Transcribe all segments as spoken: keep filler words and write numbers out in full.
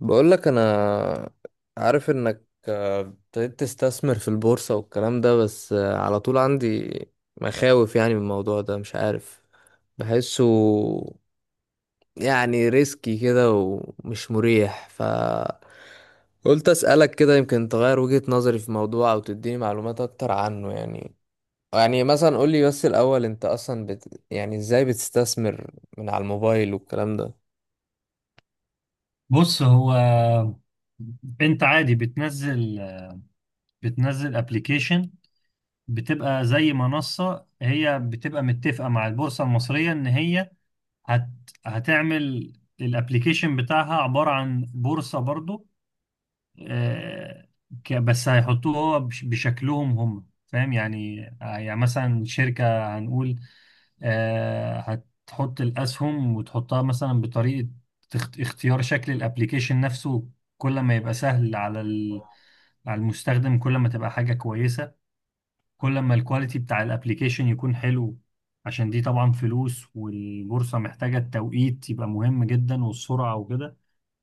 بقول لك انا عارف انك آه، ابتديت تستثمر في البورصة والكلام ده، بس آه، على طول عندي مخاوف، يعني من الموضوع ده. مش عارف بحسه، يعني ريسكي كده ومش مريح، ف قلت اسألك كده يمكن تغير وجهة نظري في موضوع او تديني معلومات اكتر عنه. يعني يعني مثلا قولي بس الاول، انت اصلا بت... يعني ازاي بتستثمر من على الموبايل والكلام ده؟ بص، هو انت عادي بتنزل بتنزل ابلكيشن. بتبقى زي منصة، هي بتبقى متفقة مع البورصة المصرية ان هي هت... هتعمل الابلكيشن بتاعها عبارة عن بورصة برضو. آه، ك- بس هيحطوه هو بش- بشكلهم هم فاهم يعني. آه، يعني مثلا شركة هنقول آه، هتحط الأسهم وتحطها مثلا بطريقة تخت- اختيار شكل الابليكيشن نفسه. كل ما يبقى سهل على ال- على المستخدم كل ما تبقى حاجة كويسة. كل ما الكواليتي بتاع الابليكيشن يكون حلو، عشان دي طبعا فلوس والبورصة محتاجة التوقيت يبقى مهم جدا والسرعة وكده.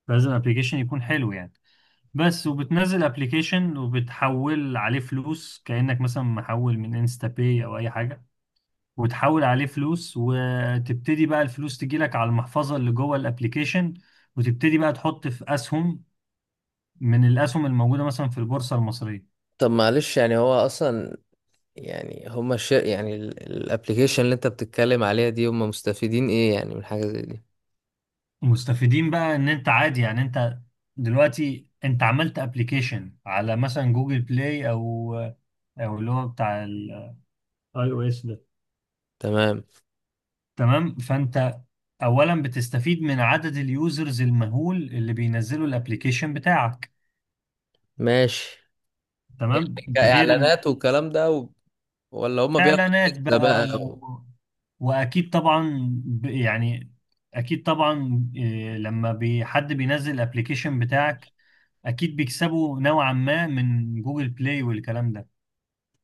لازم الابليكيشن يكون حلو يعني. بس وبتنزل ابلكيشن وبتحول عليه فلوس، كأنك مثلا محول من انستا باي او اي حاجة. وتحول عليه فلوس وتبتدي بقى الفلوس تجيلك على المحفظة اللي جوه الابلكيشن، وتبتدي بقى تحط في اسهم من الاسهم الموجودة مثلا في البورصة المصرية. طب معلش يعني، هو اصلا يعني، هما الش... يعني الابلكيشن اللي انت بتتكلم عليها دي، هما مستفيدين ايه يعني من حاجة زي دي؟ مستفيدين بقى ان انت عادي يعني. انت دلوقتي انت عملت ابلكيشن على مثلا جوجل بلاي او او اللي هو بتاع الاي او اس. تمام. تمام، فانت اولا بتستفيد من عدد اليوزرز المهول اللي بينزلوا الابليكيشن بتاعك. ماشي. تمام، يعني ده غير ان كاعلانات والكلام ده، و... ولا هما بياخدوا اعلانات ده بقى. بقى و... و... واكيد طبعا ب... يعني اكيد طبعا إيه، لما بي... حد بينزل الابليكيشن بتاعك اكيد بيكسبوا نوعا ما من جوجل بلاي والكلام ده.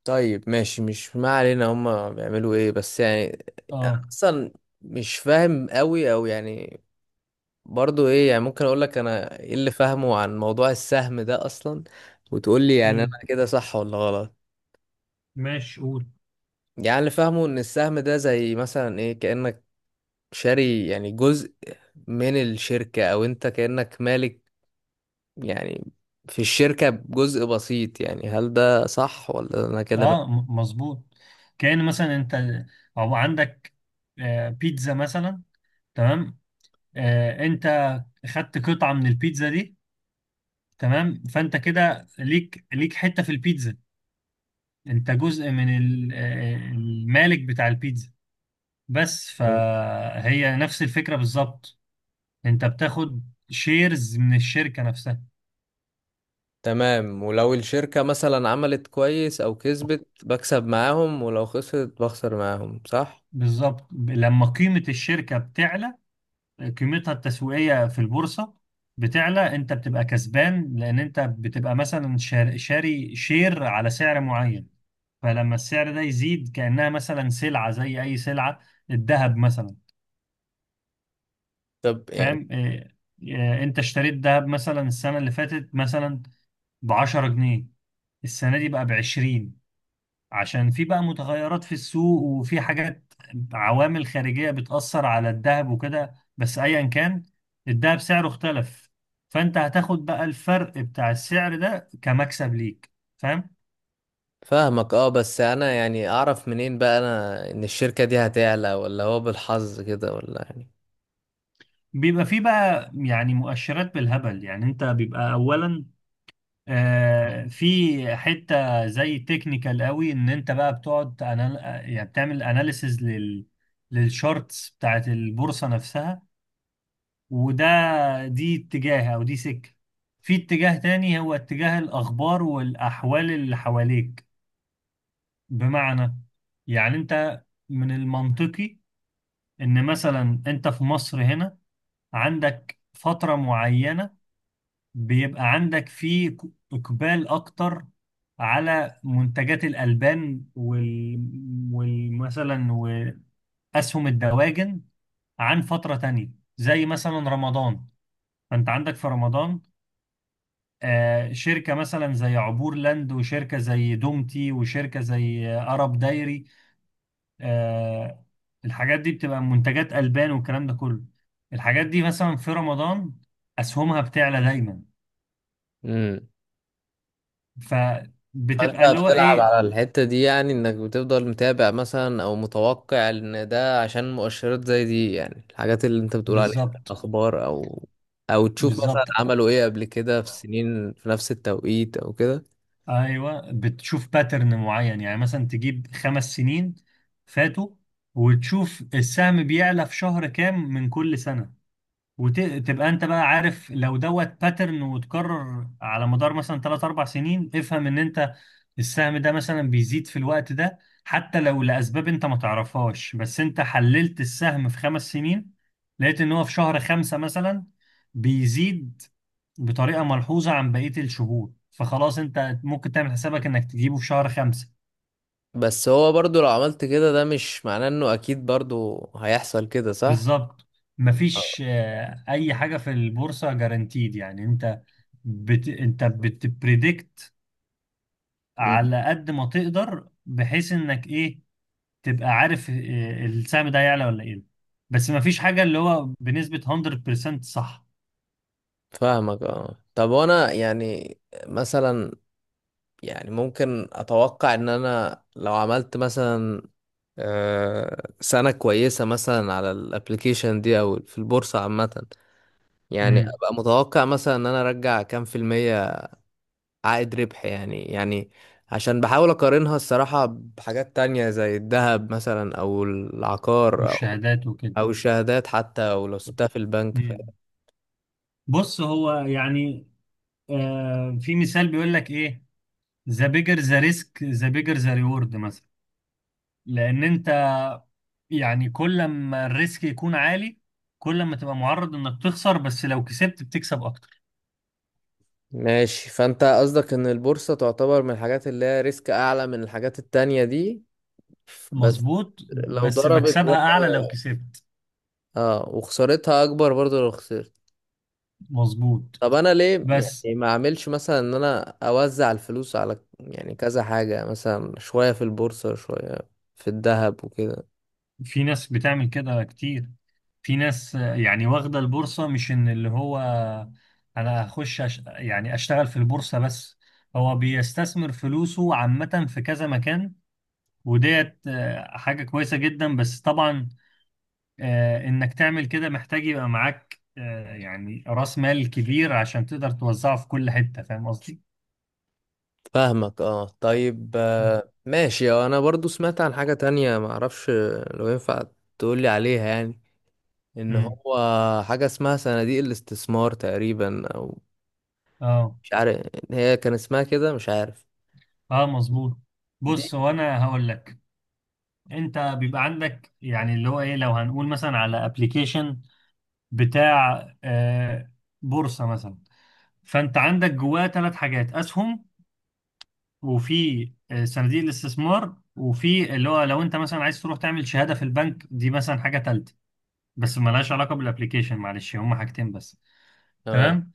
طيب ماشي، مش ما علينا، هما بيعملوا ايه بس يعني اه. اصلا؟ مش فاهم قوي، او يعني برضو ايه. يعني ممكن اقول لك انا ايه اللي فاهمه عن موضوع السهم ده اصلا، وتقول لي يعني انا امم، كده صح ولا غلط. ماشي قول. يعني اللي فاهمه ان السهم ده زي مثلا ايه، كأنك شاري يعني جزء من الشركة، او انت كأنك مالك يعني في الشركة بجزء بسيط. يعني هل ده صح ولا انا كده بقى؟ اه، م- مظبوط. كأن مثلا انت او عندك آه، بيتزا مثلا. تمام. آه، انت خدت قطعة من البيتزا دي. تمام، فانت كده ليك ليك حتة في البيتزا. انت جزء من ال- آه، المالك بتاع البيتزا بس. فهي نفس الفكرة بالظبط، انت بتاخد شيرز من الشركة نفسها. تمام. ولو الشركة مثلا عملت كويس او كسبت، بكسب معاهم، ولو خسرت بخسر معاهم، صح؟ بالظبط، ب- لما قيمة الشركة بتعلى، قيمتها التسويقية في البورصة بتعلى، انت بتبقى كسبان لان انت بتبقى مثلا شار- شاري شير على سعر معين. فلما السعر ده يزيد كأنها مثلا سلعة زي أي سلعة، الذهب مثلا. طب يعني، فاهم إيه؟ إيه، أنت اشتريت ذهب مثلا السنة اللي فاتت مثلا ب عشرة جنيه، السنة دي بقى ب عشرين، عشان في بقى متغيرات في السوق وفي حاجات، عوامل خارجية بتأثر على الذهب وكده. بس أيا كان الذهب سعره اختلف، فأنت هتاخد بقى الفرق بتاع السعر ده كمكسب ليك. فاهم؟ فاهمك اه. بس انا يعني اعرف منين بقى انا ان الشركة دي هتعلى، ولا هو بالحظ كده، ولا يعني؟ بيبقى في بقى يعني مؤشرات بالهبل. يعني انت بيبقى اولا آه، في حتة زي تكنيكال قوي ان انت بقى بتقعد أنا... يعني بتعمل اناليسز لل للشارتس بتاعت البورصة نفسها. وده دي اتجاه، او دي سكة. في اتجاه تاني هو اتجاه الاخبار والاحوال اللي حواليك. بمعنى، يعني انت من المنطقي ان مثلا انت في مصر هنا عندك فترة معينة بيبقى عندك فيه ك- إقبال أكتر على منتجات الألبان وال... والمثلا وأسهم الدواجن عن فترة تانية زي مثلا رمضان. فأنت عندك في رمضان آه، شركة مثلا زي عبور لاند وشركة زي دومتي وشركة زي آه، أرب دايري. آه، الحاجات دي بتبقى منتجات ألبان والكلام ده كله. الحاجات دي مثلا في رمضان أسهمها بتعلى دايما. امم. ف بتبقى اللي فانت هو بتلعب ايه. على الحتة دي يعني، انك بتفضل متابع مثلا او متوقع ان ده عشان مؤشرات زي دي، يعني الحاجات اللي انت بتقول عليها. بالظبط، اخبار، او او تشوف مثلا بالظبط. عملوا ايه قبل كده في سنين في نفس التوقيت او كده؟ ايوه، بتشوف باترن معين يعني مثلا تجيب خمس سنين فاتوا وتشوف السهم بيعلى في شهر كام من كل سنه، وتبقى انت بقى عارف لو دوت باترن وتكرر على مدار مثلا تلات اربع سنين افهم ان انت السهم ده مثلا بيزيد في الوقت ده، حتى لو لاسباب انت ما تعرفهاش. بس انت حللت السهم في خمس سنين، لقيت ان هو في شهر خمسة مثلا بيزيد بطريقة ملحوظة عن بقية الشهور، فخلاص انت ممكن تعمل حسابك انك تجيبه في شهر خمسة. بس هو برضو لو عملت كده، ده مش معناه انه اكيد برضو هيحصل كده، صح؟ بالظبط. آه. مفيش آه، اي حاجة في البورصة جارانتيد. يعني انت بت... انت بتبريدكت أمم. على قد ما تقدر بحيث انك ايه، تبقى عارف آه، السهم ده هيعلى ولا ايه. بس مفيش حاجة اللي هو بنسبة مية في المية صح. فاهمك اه. طب وانا يعني مثلا، يعني ممكن اتوقع ان انا لو عملت مثلا آه، سنة كويسة مثلا على الابليكيشن دي او في البورصة عامة، يعني امم، ابقى متوقع مثلا ان انا ارجع كام في المية عائد ربح يعني؟ يعني عشان بحاول اقارنها الصراحة بحاجات تانية زي الذهب مثلا، او العقار، او والشهادات وكده. او الشهادات حتى، او لو سبتها في البنك. ف... مم. بص، هو يعني آه في مثال بيقول لك ايه، ذا بيجر ذا ريسك ذا بيجر ذا ريورد مثلا. لان انت يعني كل ما الريسك يكون عالي كل ما تبقى معرض انك تخسر، بس لو كسبت بتكسب اكتر. ماشي. فانت قصدك ان البورصة تعتبر من الحاجات اللي هي ريسك اعلى من الحاجات التانية دي؟ بس مظبوط، لو بس ضربت مكسبها اعلى لو بقى، كسبت. اه وخسارتها اكبر برضو لو خسرت. مظبوط، طب انا ليه بس يعني ما اعملش مثلا ان انا اوزع الفلوس على يعني كذا حاجة، مثلا شوية في البورصة، شوية في الذهب وكده؟ في ناس بتعمل كده كتير. في ناس آه، يعني واخدة البورصة مش ان اللي هو انا هخش أش... يعني اشتغل في البورصة بس. هو بيستثمر فلوسه عامة في كذا مكان، وديت آه، حاجة كويسة جدا. بس طبعا آه، انك تعمل كده محتاج يبقى معاك آه، يعني رأس مال كبير عشان تقدر توزعه في كل حتة. فاهم قصدي؟ فاهمك اه. طيب آه، ماشي. آه، انا برضو سمعت عن حاجة تانية ما اعرفش لو ينفع تقولي عليها يعني، ان امم. هو حاجة اسمها صناديق الاستثمار تقريبا، او اه. مش عارف هي كان اسمها كده، مش عارف. اه، مظبوط. دي بص، هو انا هقول لك. انت بيبقى عندك يعني اللي هو ايه، لو هنقول مثلا على ابلكيشن بتاع آه، بورصة مثلا. فانت عندك جواه ثلاث حاجات: اسهم، وفي آه، صناديق الاستثمار، وفي اللي هو لو انت مثلا عايز تروح تعمل شهادة في البنك، دي مثلا حاجة تالتة بس ملهاش علاقة بالابليكيشن. معلش، هما حاجتين بس. تمام. تمام.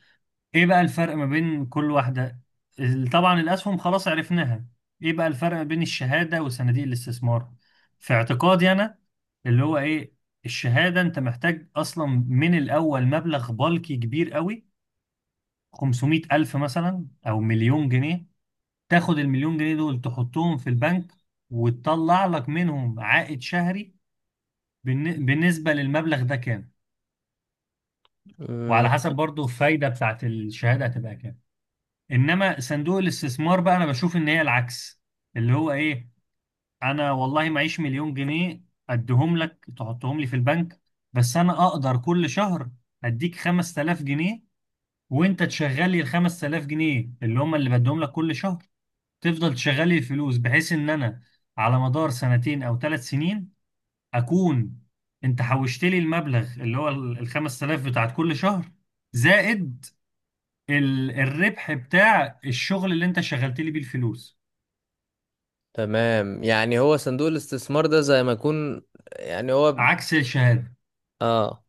ايه بقى الفرق ما بين كل واحدة؟ ال- طبعا الاسهم خلاص عرفناها. ايه بقى الفرق ما بين الشهادة وصناديق الاستثمار؟ في اعتقادي انا اللي هو ايه، الشهادة انت محتاج اصلا من الاول مبلغ بالكي كبير قوي، خمسمئة الف مثلا او مليون جنيه، تاخد المليون جنيه دول تحطهم في البنك وتطلع لك منهم عائد شهري بالن- بالنسبة للمبلغ ده كام، مم. وعلى حسب برضو الفايدة بتاعت الشهادة هتبقى كام. إنما صندوق الاستثمار بقى أنا بشوف إن هي العكس. اللي هو إيه، أنا والله معيش مليون جنيه أديهم لك تحطهم لي في البنك، بس أنا أقدر كل شهر أديك خمس تلاف جنيه وأنت تشغل لي ال خمسة آلاف جنيه اللي هم اللي بديهم لك كل شهر. تفضل تشغل لي الفلوس بحيث ان انا على مدار سنتين او ثلاث سنين اكون انت حوشت لي المبلغ اللي هو ال ال خمس تلاف بتاعت كل شهر، زائد ال الربح بتاع الشغل اللي انت شغلت لي بيه الفلوس. تمام، يعني هو صندوق الاستثمار ده زي ما يكون، يعني هو ب- عكس الشهادة. اه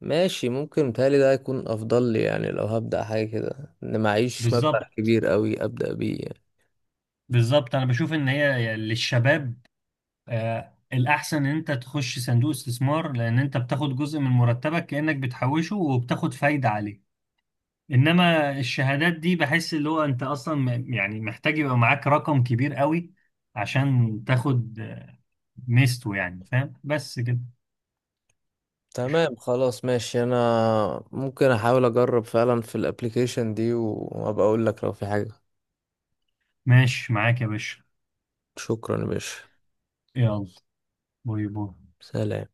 ماشي. ممكن متهيألي ده هيكون أفضل لي يعني، لو هبدأ حاجة كده، إن معيش مبلغ بالظبط، كبير أوي أبدأ بيه يعني. بالظبط. انا بشوف ان هي للشباب آه الاحسن ان انت تخش صندوق استثمار، لان انت بتاخد جزء من مرتبك كأنك بتحوشه وبتاخد فايدة عليه. انما الشهادات دي بحس اللي هو انت اصلا م- يعني محتاج يبقى معاك رقم كبير قوي عشان تاخد آه، ميزته يعني. فاهم؟ بس كده. تمام خلاص ماشي. أنا ممكن أحاول أجرب فعلا في الأبليكيشن دي، وأبقى أقول لك لو في حاجة. ماشي معاك يا باشا. شكرا يا باشا. يلا، باي باي. سلام.